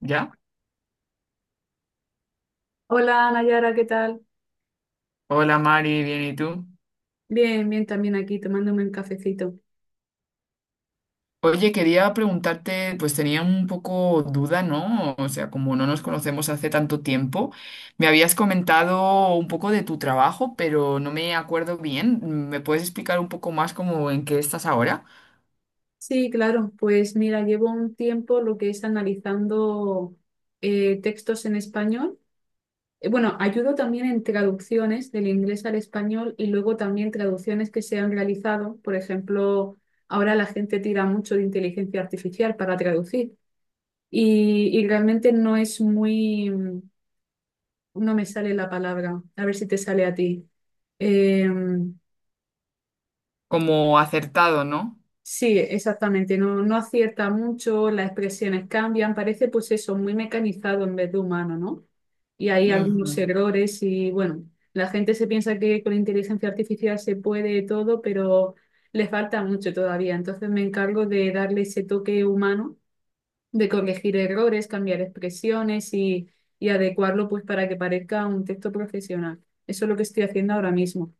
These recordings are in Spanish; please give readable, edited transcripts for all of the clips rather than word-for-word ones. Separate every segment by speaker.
Speaker 1: ¿Ya?
Speaker 2: Hola Nayara, ¿qué tal?
Speaker 1: Hola Mari, bien, ¿y tú?
Speaker 2: Bien, bien, también aquí tomándome un cafecito.
Speaker 1: Oye, quería preguntarte, pues tenía un poco duda, ¿no? O sea, como no nos conocemos hace tanto tiempo, me habías comentado un poco de tu trabajo, pero no me acuerdo bien. ¿Me puedes explicar un poco más como en qué estás ahora?
Speaker 2: Sí, claro, pues mira, llevo un tiempo lo que es analizando textos en español. Bueno, ayudo también en traducciones del inglés al español y luego también traducciones que se han realizado. Por ejemplo, ahora la gente tira mucho de inteligencia artificial para traducir y realmente no es no me sale la palabra. A ver si te sale a ti. Em,
Speaker 1: Como acertado, ¿no?
Speaker 2: Sí, exactamente, no, no acierta mucho, las expresiones cambian, parece pues eso, muy mecanizado en vez de humano, ¿no? Y hay algunos
Speaker 1: Ujú.
Speaker 2: errores y bueno, la gente se piensa que con inteligencia artificial se puede todo, pero le falta mucho todavía, entonces me encargo de darle ese toque humano de corregir errores, cambiar expresiones y adecuarlo pues para que parezca un texto profesional. Eso es lo que estoy haciendo ahora mismo.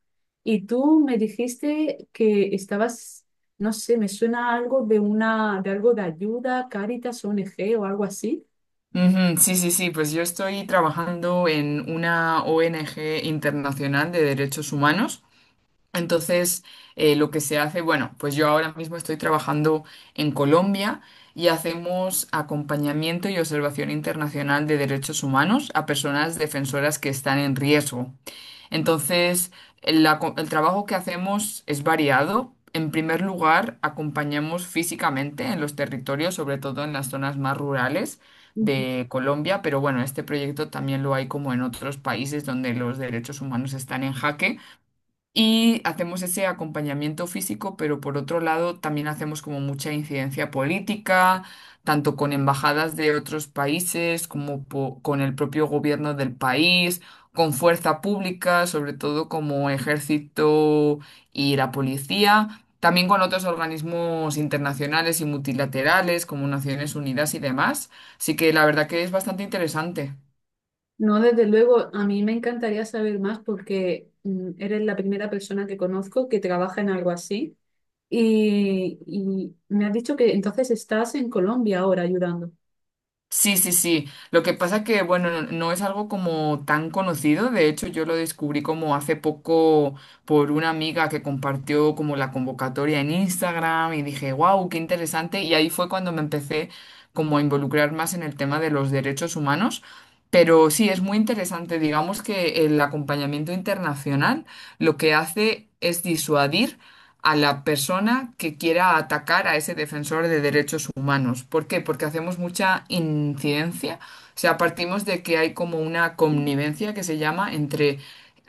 Speaker 2: Y tú me dijiste que estabas, no sé, me suena algo de una, de algo de ayuda, Cáritas, ONG o algo así.
Speaker 1: Ujú, sí, sí, sí, pues yo estoy trabajando en una ONG internacional de derechos humanos. Entonces, lo que se hace, bueno, pues yo ahora mismo estoy trabajando en Colombia y hacemos acompañamiento y observación internacional de derechos humanos a personas defensoras que están en riesgo. Entonces, el trabajo que hacemos es variado. En primer lugar, acompañamos físicamente en los territorios, sobre todo en las zonas más rurales
Speaker 2: Ujú.
Speaker 1: de Colombia, pero bueno, este proyecto también lo hay como en otros países donde los derechos humanos están en jaque. Y hacemos ese acompañamiento físico, pero por otro lado también hacemos como mucha incidencia política, tanto con embajadas de otros países como con el propio gobierno del país, con fuerza pública, sobre todo como ejército y la policía, también con otros organismos internacionales y multilaterales como Naciones Unidas y demás. Así que la verdad que es bastante interesante.
Speaker 2: No, desde luego, a mí me encantaría saber más porque eres la primera persona que conozco que trabaja en algo así. Y me has dicho que entonces estás en Colombia ahora ayudando.
Speaker 1: Sí, sí, sí. Lo que pasa que, bueno, no, no es algo como tan conocido. De hecho, yo lo descubrí como hace poco por una amiga que compartió como la convocatoria en Instagram y dije, wow, qué interesante. Y ahí fue cuando me empecé como a involucrar más en el tema de los derechos humanos. Pero sí, es muy interesante. Digamos que el acompañamiento internacional lo que hace es disuadir a la persona que quiera atacar a ese defensor de derechos humanos. ¿Por qué? Porque hacemos mucha incidencia, o sea, partimos de que hay como una connivencia que se llama entre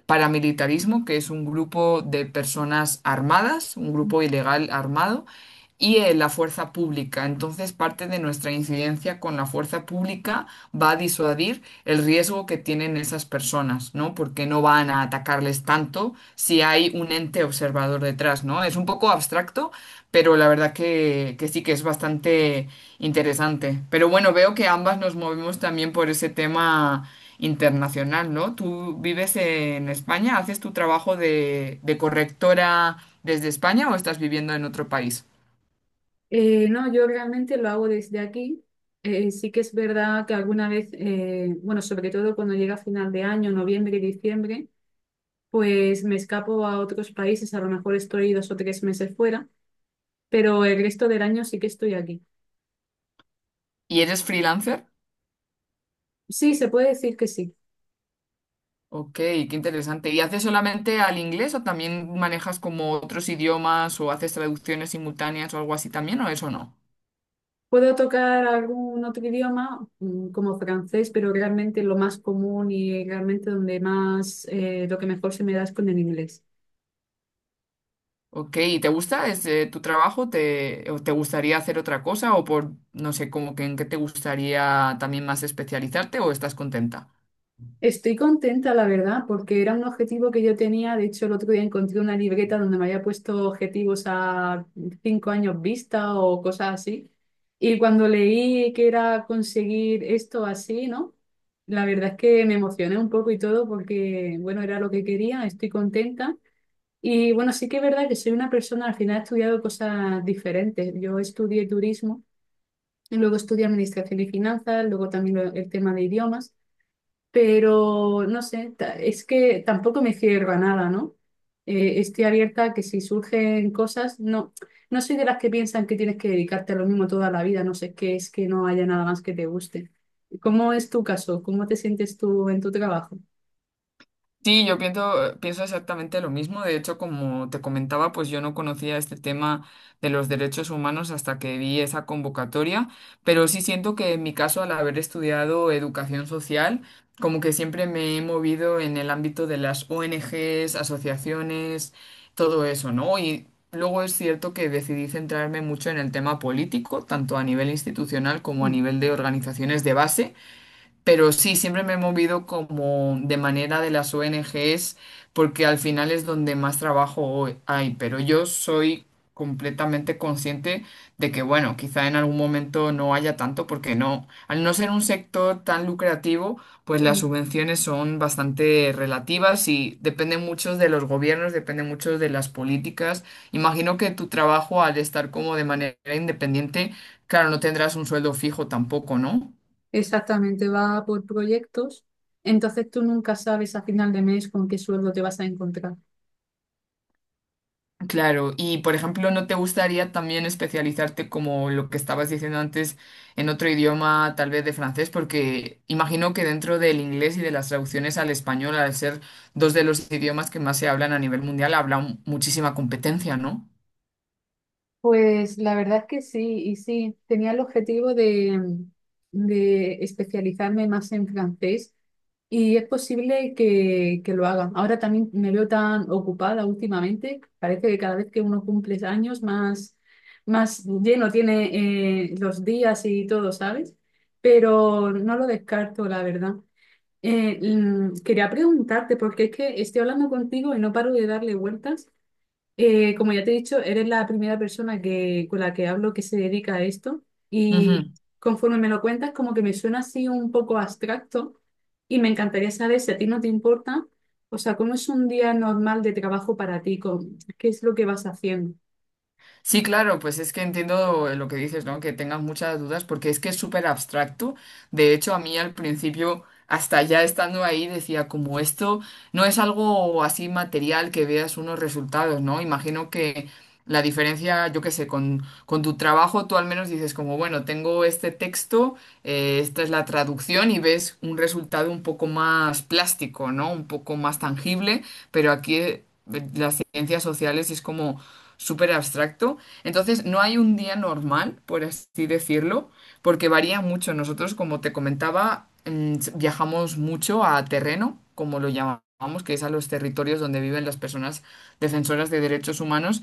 Speaker 1: paramilitarismo, que es un grupo de personas armadas, un grupo ilegal armado, y la fuerza pública. Entonces, parte de nuestra incidencia con la fuerza pública va a disuadir el riesgo que tienen esas personas, ¿no? Porque no van a atacarles tanto si hay un ente observador detrás, ¿no? Es un poco abstracto, pero la verdad que sí que es bastante interesante. Pero bueno, veo que ambas nos movemos también por ese tema internacional, ¿no? ¿Tú vives en España? ¿Haces tu trabajo de correctora desde España o estás viviendo en otro país?
Speaker 2: No, yo realmente lo hago desde aquí. Sí que es verdad que alguna vez, bueno, sobre todo cuando llega final de año, noviembre y diciembre, pues me escapo a otros países, a lo mejor estoy dos o tres meses fuera, pero el resto del año sí que estoy aquí.
Speaker 1: ¿Y eres freelancer?
Speaker 2: Sí, se puede decir que sí.
Speaker 1: Ok, qué interesante. ¿Y haces solamente al inglés o también manejas como otros idiomas o haces traducciones simultáneas o algo así también o eso no?
Speaker 2: Puedo tocar algún otro idioma, como francés, pero realmente lo más común y realmente donde más, lo que mejor se me da es con el inglés.
Speaker 1: Ok, ¿y te gusta tu trabajo? ¿Te, o te gustaría hacer otra cosa o por, no sé, como que en qué te gustaría también más especializarte o estás contenta?
Speaker 2: Estoy contenta, la verdad, porque era un objetivo que yo tenía. De hecho, el otro día encontré una libreta donde me había puesto objetivos a cinco años vista o cosas así. Y cuando leí que era conseguir esto así, ¿no? La verdad es que me emocioné un poco y todo porque, bueno, era lo que quería, estoy contenta. Y bueno, sí que es verdad que soy una persona, al final he estudiado cosas diferentes. Yo estudié turismo, y luego estudié administración y finanzas, luego también el tema de idiomas, pero no sé, es que tampoco me cierro a nada, ¿no? Estoy abierta a que si surgen cosas, no, no soy de las que piensan que tienes que dedicarte a lo mismo toda la vida, no sé qué es que no haya nada más que te guste. ¿Cómo es tu caso? ¿Cómo te sientes tú en tu trabajo?
Speaker 1: Sí, yo pienso, pienso exactamente lo mismo. De hecho, como te comentaba, pues yo no conocía este tema de los derechos humanos hasta que vi esa convocatoria, pero sí siento que en mi caso, al haber estudiado educación social, como que siempre me he movido en el ámbito de las ONGs, asociaciones, todo eso, ¿no? Y luego es cierto que decidí centrarme mucho en el tema político, tanto a nivel institucional como a
Speaker 2: Mm.
Speaker 1: nivel de organizaciones de base. Pero sí, siempre me he movido como de manera de las ONGs, porque al final es donde más trabajo hoy hay. Pero yo soy completamente consciente de que, bueno, quizá en algún momento no haya tanto, porque no, al no ser un sector tan lucrativo, pues las
Speaker 2: Sí.
Speaker 1: subvenciones son bastante relativas y dependen mucho de los gobiernos, dependen mucho de las políticas. Imagino que tu trabajo, al estar como de manera independiente, claro, no tendrás un sueldo fijo tampoco, ¿no?
Speaker 2: Exactamente, va por proyectos, entonces tú nunca sabes a final de mes con qué sueldo te vas a encontrar.
Speaker 1: Claro, y por ejemplo, ¿no te gustaría también especializarte como lo que estabas diciendo antes en otro idioma, tal vez de francés? Porque imagino que dentro del inglés y de las traducciones al español, al ser dos de los idiomas que más se hablan a nivel mundial, habrá muchísima competencia, ¿no?
Speaker 2: Pues la verdad es que sí, y sí, tenía el objetivo de especializarme más en francés y es posible que lo haga. Ahora también me veo tan ocupada últimamente, parece que cada vez que uno cumple años más, más lleno tiene los días y todo, ¿sabes? Pero no lo descarto, la verdad. Quería preguntarte, porque es que estoy hablando contigo y no paro de darle vueltas. Como ya te he dicho, eres la primera persona que, con la que hablo que se dedica a esto y
Speaker 1: Ujú.
Speaker 2: conforme me lo cuentas, como que me suena así un poco abstracto y me encantaría saber si a ti no te importa, o sea, ¿cómo es un día normal de trabajo para ti? ¿Cómo? ¿Qué es lo que vas haciendo?
Speaker 1: Sí, claro, pues es que entiendo lo que dices, ¿no? Que tengas muchas dudas, porque es que es súper abstracto. De hecho, a mí al principio, hasta ya estando ahí, decía, como esto no es algo así material que veas unos resultados, ¿no? Imagino que la diferencia, yo qué sé, con tu trabajo, tú al menos dices, como, bueno, tengo este texto, esta es la traducción y ves un resultado un poco más plástico, ¿no? Un poco más tangible, pero aquí, las ciencias sociales es como súper abstracto. Entonces, no hay un día normal, por así decirlo, porque varía mucho. Nosotros, como te comentaba, mm, viajamos mucho a terreno, como lo llamamos, que es a los territorios donde viven las personas defensoras de derechos humanos.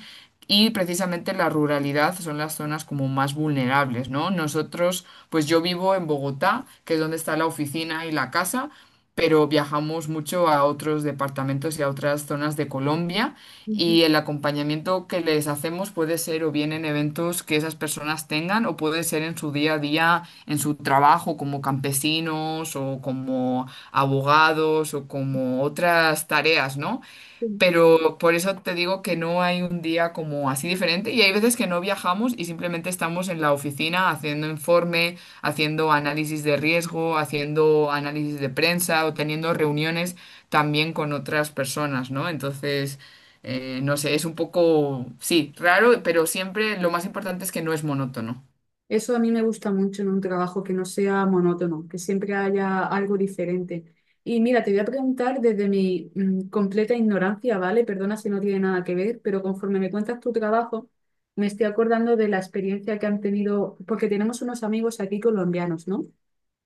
Speaker 1: Y precisamente la ruralidad son las zonas como más vulnerables, ¿no? Nosotros, pues yo vivo en Bogotá, que es donde está la oficina y la casa, pero viajamos mucho a otros departamentos y a otras zonas de Colombia y el acompañamiento que les hacemos puede ser o bien en eventos que esas personas tengan o puede ser en su día a día, en su trabajo como campesinos o como abogados o como otras tareas, ¿no?
Speaker 2: Ujú.
Speaker 1: Pero por eso te digo que no hay un día como así diferente y hay veces que no viajamos y simplemente estamos en la oficina haciendo informe, haciendo análisis de riesgo, haciendo análisis de prensa o teniendo reuniones también con otras personas, ¿no? Entonces, no sé, es un poco, sí, raro, pero siempre lo más importante es que no es monótono.
Speaker 2: Eso a mí me gusta mucho en un trabajo, que no sea monótono, que siempre haya algo diferente. Y mira, te voy a preguntar desde mi completa ignorancia, ¿vale? Perdona si no tiene nada que ver, pero conforme me cuentas tu trabajo, me estoy acordando de la experiencia que han tenido, porque tenemos unos amigos aquí colombianos, ¿no?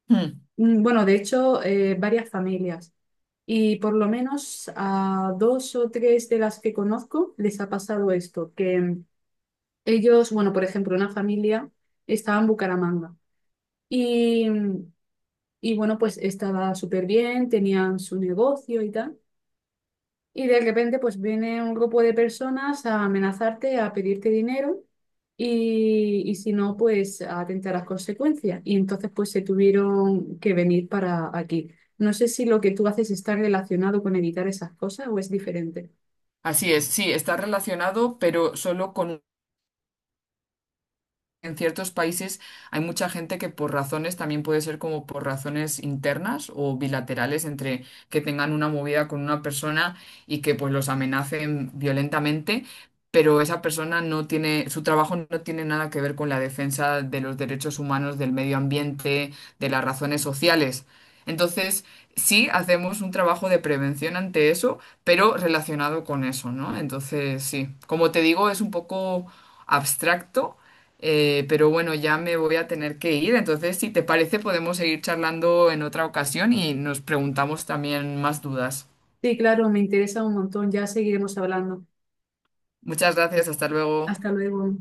Speaker 1: Hmm.
Speaker 2: Mm. Bueno, de hecho, varias familias. Y por lo menos a dos o tres de las que conozco les ha pasado esto, que ellos, bueno, por ejemplo, una familia estaba en Bucaramanga. Y, y bueno, pues estaba súper bien, tenían su negocio y tal. Y de repente pues viene un grupo de personas a amenazarte, a pedirte dinero y si no, pues a atentar las consecuencias. Y entonces pues se tuvieron que venir para aquí. No sé si lo que tú haces está relacionado con evitar esas cosas o es diferente.
Speaker 1: Así es, sí, está relacionado, pero solo con en ciertos países hay mucha gente que por razones, también puede ser como por razones internas o bilaterales entre que tengan una movida con una persona y que pues los amenacen violentamente, pero esa persona no tiene, su trabajo no tiene nada que ver con la defensa de los derechos humanos, del medio ambiente, de las razones sociales. Entonces, sí hacemos un trabajo de prevención ante eso, pero relacionado con eso, ¿no? Entonces, sí, como te digo, es un poco abstracto pero bueno, ya me voy a tener que ir, entonces si te parece podemos seguir charlando en otra ocasión y nos preguntamos también más dudas.
Speaker 2: Sí, claro, me interesa un montón. Ya seguiremos hablando.
Speaker 1: Muchas gracias, hasta
Speaker 2: Hasta
Speaker 1: luego.
Speaker 2: luego.